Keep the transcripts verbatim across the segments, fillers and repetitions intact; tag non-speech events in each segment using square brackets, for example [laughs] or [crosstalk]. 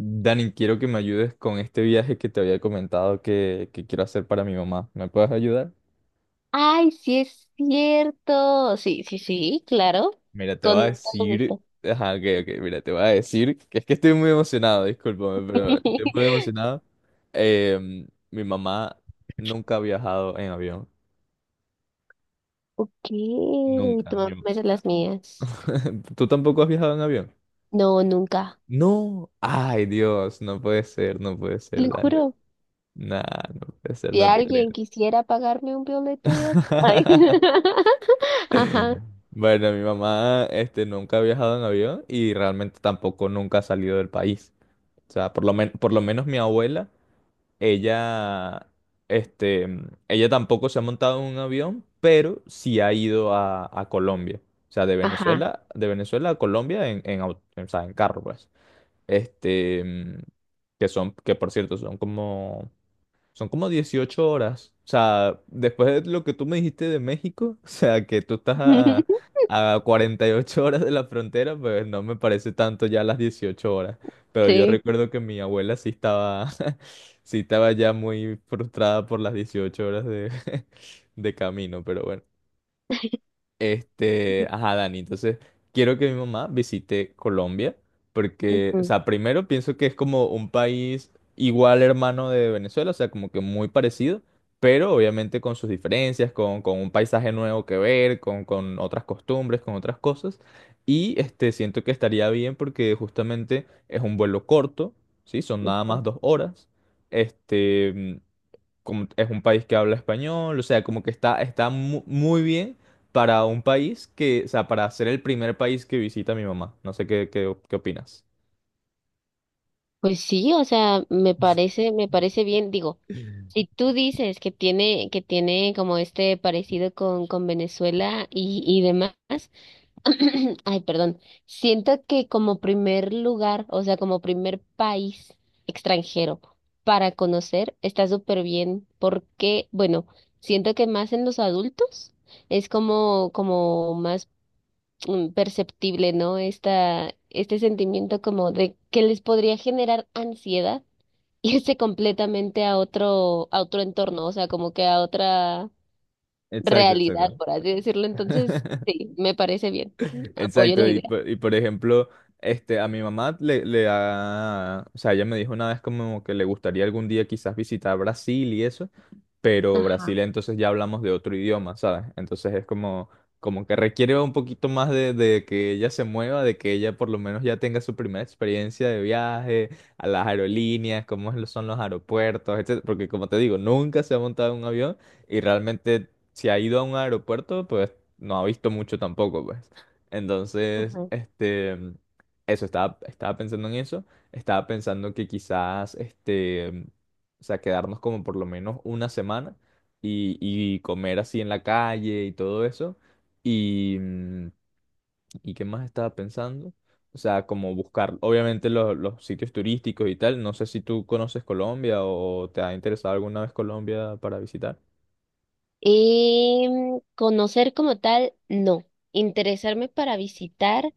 Dani, quiero que me ayudes con este viaje que te había comentado que, que quiero hacer para mi mamá. ¿Me puedes ayudar? Ay, sí es cierto. Sí, sí, sí, claro. Mira, te voy Con a todo decir... gusto. Ajá, ok, ok, mira, te voy a decir que es que estoy muy emocionado, discúlpame, pero estoy muy [laughs] emocionado. Em, mi mamá nunca ha viajado en avión, Ok, nunca. tú mi- me haces las mías. [laughs] ¿Tú tampoco has viajado en avión? No, nunca. No, ay Dios, no puede ser, no puede ser, Lo Dani. juro. Nah, no puede ser, Si no te creo. alguien quisiera pagarme un violeto de ac- Ay. [laughs] [laughs] Ajá, Bueno, mi mamá, este, nunca ha viajado en avión y realmente tampoco nunca ha salido del país. O sea, por lo men- por lo menos mi abuela, ella, este, ella tampoco se ha montado en un avión, pero sí ha ido a, a Colombia. O sea, de ajá. Venezuela, de Venezuela a Colombia en, en, au- o sea, en carro, pues. Este, que son, que por cierto, son como son como dieciocho horas. O sea, después de lo que tú me dijiste de México, [laughs] o sea, que tú estás a, [laughs] a cuarenta y ocho horas de la frontera, pues no me parece tanto ya las dieciocho horas. Pero yo Sí. recuerdo que mi abuela sí estaba, [laughs] sí estaba ya muy frustrada por las dieciocho horas de, [laughs] de camino, pero bueno. Este, ajá, Dani, entonces quiero que mi mamá visite Colombia porque, o Ujú. sea, primero pienso que es como un país igual hermano de Venezuela, o sea, como que muy parecido, pero obviamente con sus diferencias, con, con un paisaje nuevo que ver, con, con otras costumbres, con otras cosas. Y este, siento que estaría bien porque justamente es un vuelo corto, ¿sí? Son nada más dos horas. Este, como es un país que habla español, o sea, como que está, está mu- muy bien para un país que, o sea, para ser el primer país que visita mi mamá. No sé qué, qué, qué opinas. Pues sí, o sea, me parece, me parece bien. Digo, si tú dices que tiene, que tiene como este parecido con, con Venezuela y, y demás. [clears throat] Ay, perdón. Siento que como primer lugar, o sea, como primer país extranjero para conocer, está súper bien porque, bueno, siento que más en los adultos es como, como más mm, perceptible, ¿no? Esta, este sentimiento como de que les podría generar ansiedad [laughs] irse completamente a otro, a otro entorno, o sea, como que a otra Exacto, realidad, exacto. por así decirlo. Entonces, [laughs] sí, me parece bien. Apoyo la Exacto, y, idea. por- y por ejemplo, este, a mi mamá le, le ha, o sea, ella me dijo una vez como que le gustaría algún día quizás visitar Brasil y eso, pero Brasil Ajá. entonces ya hablamos de otro idioma, ¿sabes? Entonces es como, como que requiere un poquito más de, de que ella se mueva, de que ella por lo menos ya tenga su primera experiencia de viaje, a las aerolíneas, cómo es lo- son los aeropuertos, etcétera. Porque como te digo, nunca se ha montado en un avión y realmente si ha ido a un aeropuerto, pues no ha visto mucho tampoco, pues. Entonces, Ajá. este, eso, estaba, estaba pensando en eso. Estaba pensando que quizás, este, o sea, quedarnos como por lo menos una semana y, y comer así en la calle y todo eso. Y, mm, ¿y qué más estaba pensando? O sea, como buscar, obviamente, los, los sitios turísticos y tal. No sé si tú conoces Colombia o te ha interesado alguna vez Colombia para visitar. Y mm, conocer como tal, no. Interesarme para visitar,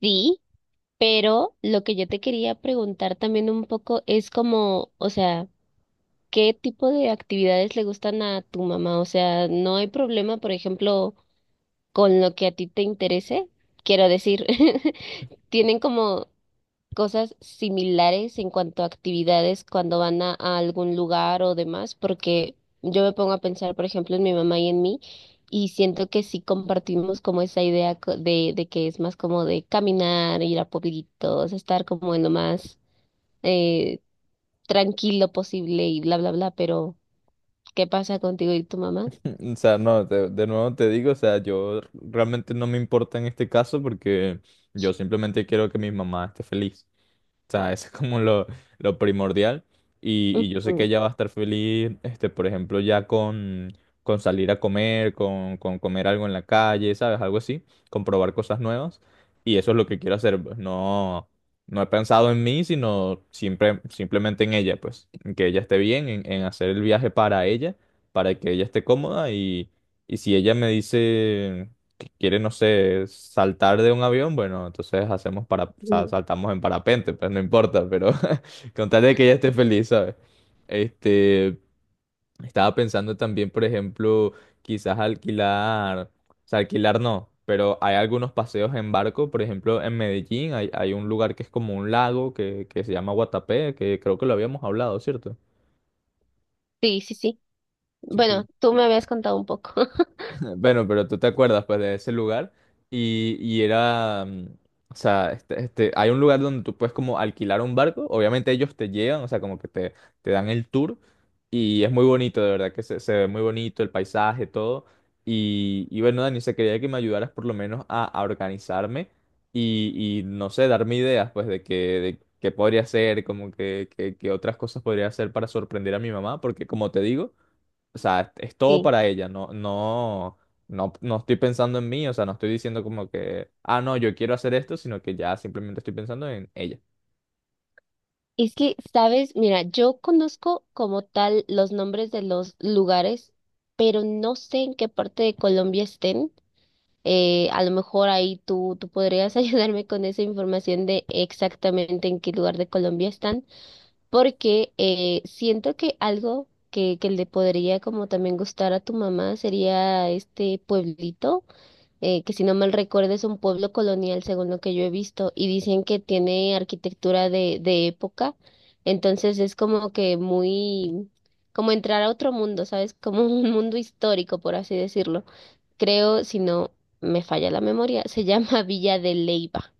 sí, pero lo que yo te quería preguntar también un poco es como, o sea, ¿qué tipo de actividades le gustan a tu mamá? O sea, ¿no hay problema, por ejemplo, con lo que a ti te interese? Quiero decir, [laughs] ¿tienen como cosas similares en cuanto a actividades cuando van a, a algún lugar o demás, porque yo me pongo a pensar, por ejemplo, en mi mamá y en mí, y siento que sí compartimos como esa idea co- de, de que es más como de caminar, ir a pueblitos, estar como en lo más eh, tranquilo posible y bla, bla, bla, pero ¿qué pasa contigo y tu mamá? [laughs] O sea, no, te- de nuevo te digo, o sea, yo realmente no me importa en este caso porque yo simplemente quiero que mi mamá esté feliz. O sea, eso es como lo, lo primordial. Y, y yo sé que Ujú. ella va a estar feliz, este, por ejemplo, ya con, con salir a comer, con, con comer algo en la calle, ¿sabes? Algo así, con probar cosas nuevas. Y eso es lo que quiero hacer, pues no, no he pensado en mí, sino siempre, simplemente en ella, pues, en que ella esté bien, en, en hacer el viaje para ella, para que ella esté cómoda. Y, y si ella me dice quiere, no sé, saltar de un avión, bueno, entonces hacemos para, o sea, saltamos en parapente, pues no importa, pero [laughs] con tal de que ella esté feliz, ¿sabes? Este, estaba pensando también, por ejemplo, quizás alquilar, o sea, alquilar no, pero hay algunos paseos en barco, por ejemplo, en Medellín hay, hay un lugar que es como un lago que, que se llama Guatapé, que creo que lo habíamos hablado, ¿cierto? Sí, sí, sí. Sí, Bueno, tú me habías contado un poco. [laughs] [laughs] bueno, pero tú te acuerdas pues de ese lugar y, y era, mm, o sea, este, este, hay un lugar donde tú puedes como alquilar un barco, obviamente ellos te llevan, o sea, como que te, te dan el tour y es muy bonito, de verdad que se, se ve muy bonito el paisaje, todo. Y, y bueno, Dani, se quería que me ayudaras por lo menos a, a organizarme y, y no sé, darme ideas pues de que, de qué podría hacer, como que, que, que otras cosas podría hacer para sorprender a mi mamá, porque como te digo... O sea, es todo Sí. para ella, no, no, no, no estoy pensando en mí, o sea, no estoy diciendo como que, ah, no, yo quiero hacer esto, sino que ya simplemente estoy pensando en ella. Es que, sabes, mira, yo conozco como tal los nombres de los lugares, pero no sé en qué parte de Colombia estén. Eh, a lo mejor ahí tú, tú podrías [laughs] ayudarme con esa información de exactamente en qué lugar de Colombia están, porque eh, siento que algo que, que le podría como también gustar a tu mamá sería este pueblito eh, que si no mal recuerdo es un pueblo colonial, según lo que yo he visto, y dicen que tiene arquitectura de, de época, entonces es como que muy, como entrar a otro mundo, ¿sabes? [laughs] Como un mundo histórico, por así decirlo. Creo, si no me falla la memoria, se llama [laughs] Villa de Leyva,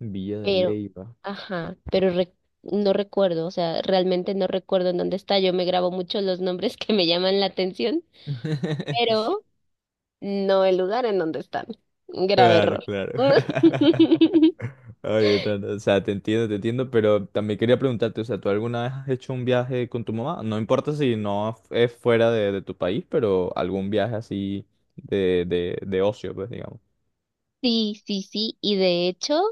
Villa de pero, Leyva. ajá, pero re- no recuerdo, o sea, realmente no recuerdo en dónde está, yo me grabo mucho los nombres [laughs] que me llaman la atención, [laughs] pero... No el lugar en donde están. Grave Claro, error. claro. [laughs] [laughs] Oye, no, no, o sea, te entiendo, te entiendo, pero también quería preguntarte, o sea, ¿tú alguna vez has hecho un viaje con tu mamá? No importa si no es fuera de, de tu país, pero algún viaje así de, de, de ocio, pues, digamos. Sí, sí, sí, y de hecho,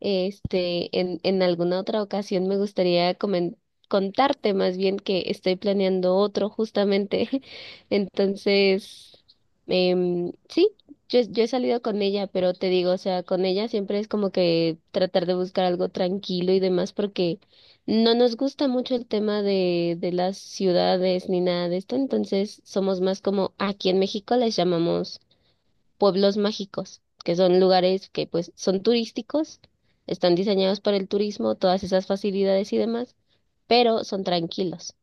este, en, en alguna otra ocasión me gustaría comen- contarte más bien que estoy planeando otro justamente. [laughs] Entonces, em, sí, yo, yo he salido con ella, pero te digo, o sea, con ella siempre es como que tratar de buscar algo tranquilo y demás, porque no nos gusta mucho el tema de, de las ciudades ni nada de esto, entonces somos más como aquí en México les llamamos pueblos mágicos, que son lugares que pues son turísticos, están diseñados para el turismo, todas esas facilidades y demás, pero son tranquilos.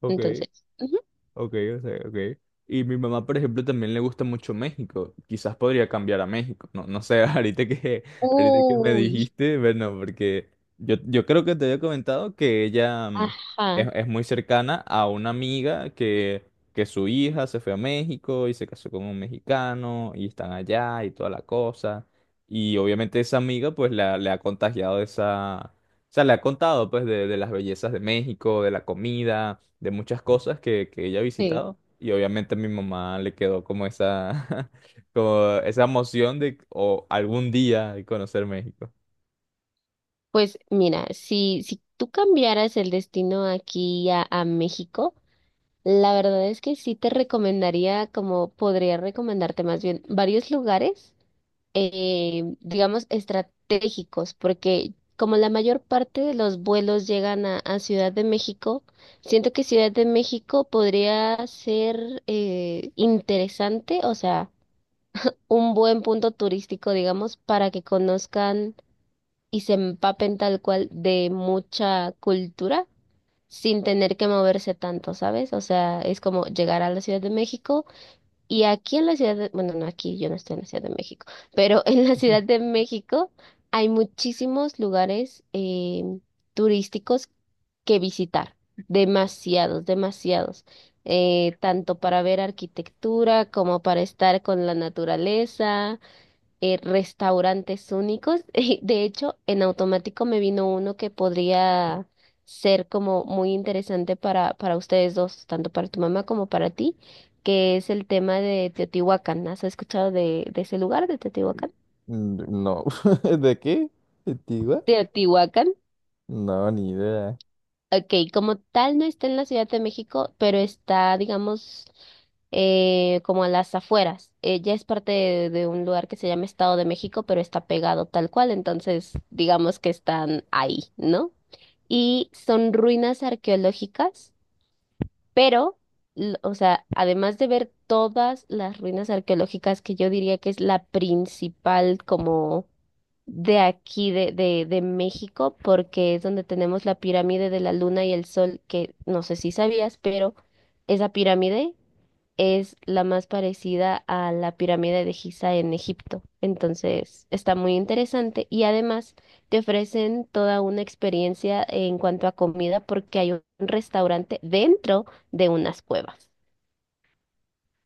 Ok. Entonces, ujú. Ok, o sea, ok. Y mi mamá, por ejemplo, también le gusta mucho México. Quizás podría cambiar a México. No, no sé, [laughs] ahorita que, ahorita que me Uy, dijiste, bueno, porque yo, yo creo que te había comentado que ella mm, es, ajá, es muy cercana a una amiga que, que su hija se fue a México y se casó con un mexicano y están allá y toda la cosa. Y obviamente esa amiga pues la, le ha contagiado esa... O sea, le ha contado pues de, de las bellezas de México, de la comida de muchas cosas que, que ella ha sí. visitado. Y obviamente a mi mamá le quedó como esa, [laughs] como esa emoción de o algún día conocer México. Pues mira, si, si tú cambiaras el destino aquí a, a México, la verdad es que sí te recomendaría, como podría recomendarte más bien, varios lugares eh, digamos, estratégicos, porque como la mayor parte de los vuelos llegan a, a Ciudad de México, siento que Ciudad de México podría ser eh, interesante, o sea, un buen punto turístico, digamos, para que conozcan y se empapen tal cual de mucha cultura, sin tener que moverse tanto, ¿sabes? O sea, es como llegar a la Ciudad de México y aquí en la ciudad de, bueno, no aquí, yo no estoy en la Ciudad de México, pero en la Ciudad de [laughs] México hay muchísimos lugares eh, turísticos que visitar, demasiados, demasiados, eh, tanto para ver arquitectura como para estar con la naturaleza, eh, restaurantes únicos. [laughs] Y de hecho, en automático me vino uno que podría ser como muy interesante para, para ustedes dos, tanto para tu mamá como para ti, que es el tema de Teotihuacán. ¿Has escuchado de, de ese lugar, de Teotihuacán? Mm, no, [laughs] ¿de qué? ¿Antigua? Teotihuacán. No, ni idea. Ok, como tal no está en la Ciudad de México, pero está, digamos, eh, como a las afueras. Ella es parte de, de un lugar que se llama Estado de México, pero está pegado tal cual, entonces digamos que están ahí, ¿no? Y son ruinas arqueológicas. Pero, l- o sea, además de ver todas las ruinas arqueológicas que yo diría que es la principal como de aquí, de, de, de México, porque es donde tenemos la pirámide de la Luna y el Sol, que no sé si sabías, pero esa pirámide es la más parecida a la pirámide de Giza en Egipto. Entonces, está muy interesante y además te ofrecen toda una experiencia en cuanto a comida porque hay un restaurante dentro de unas cuevas.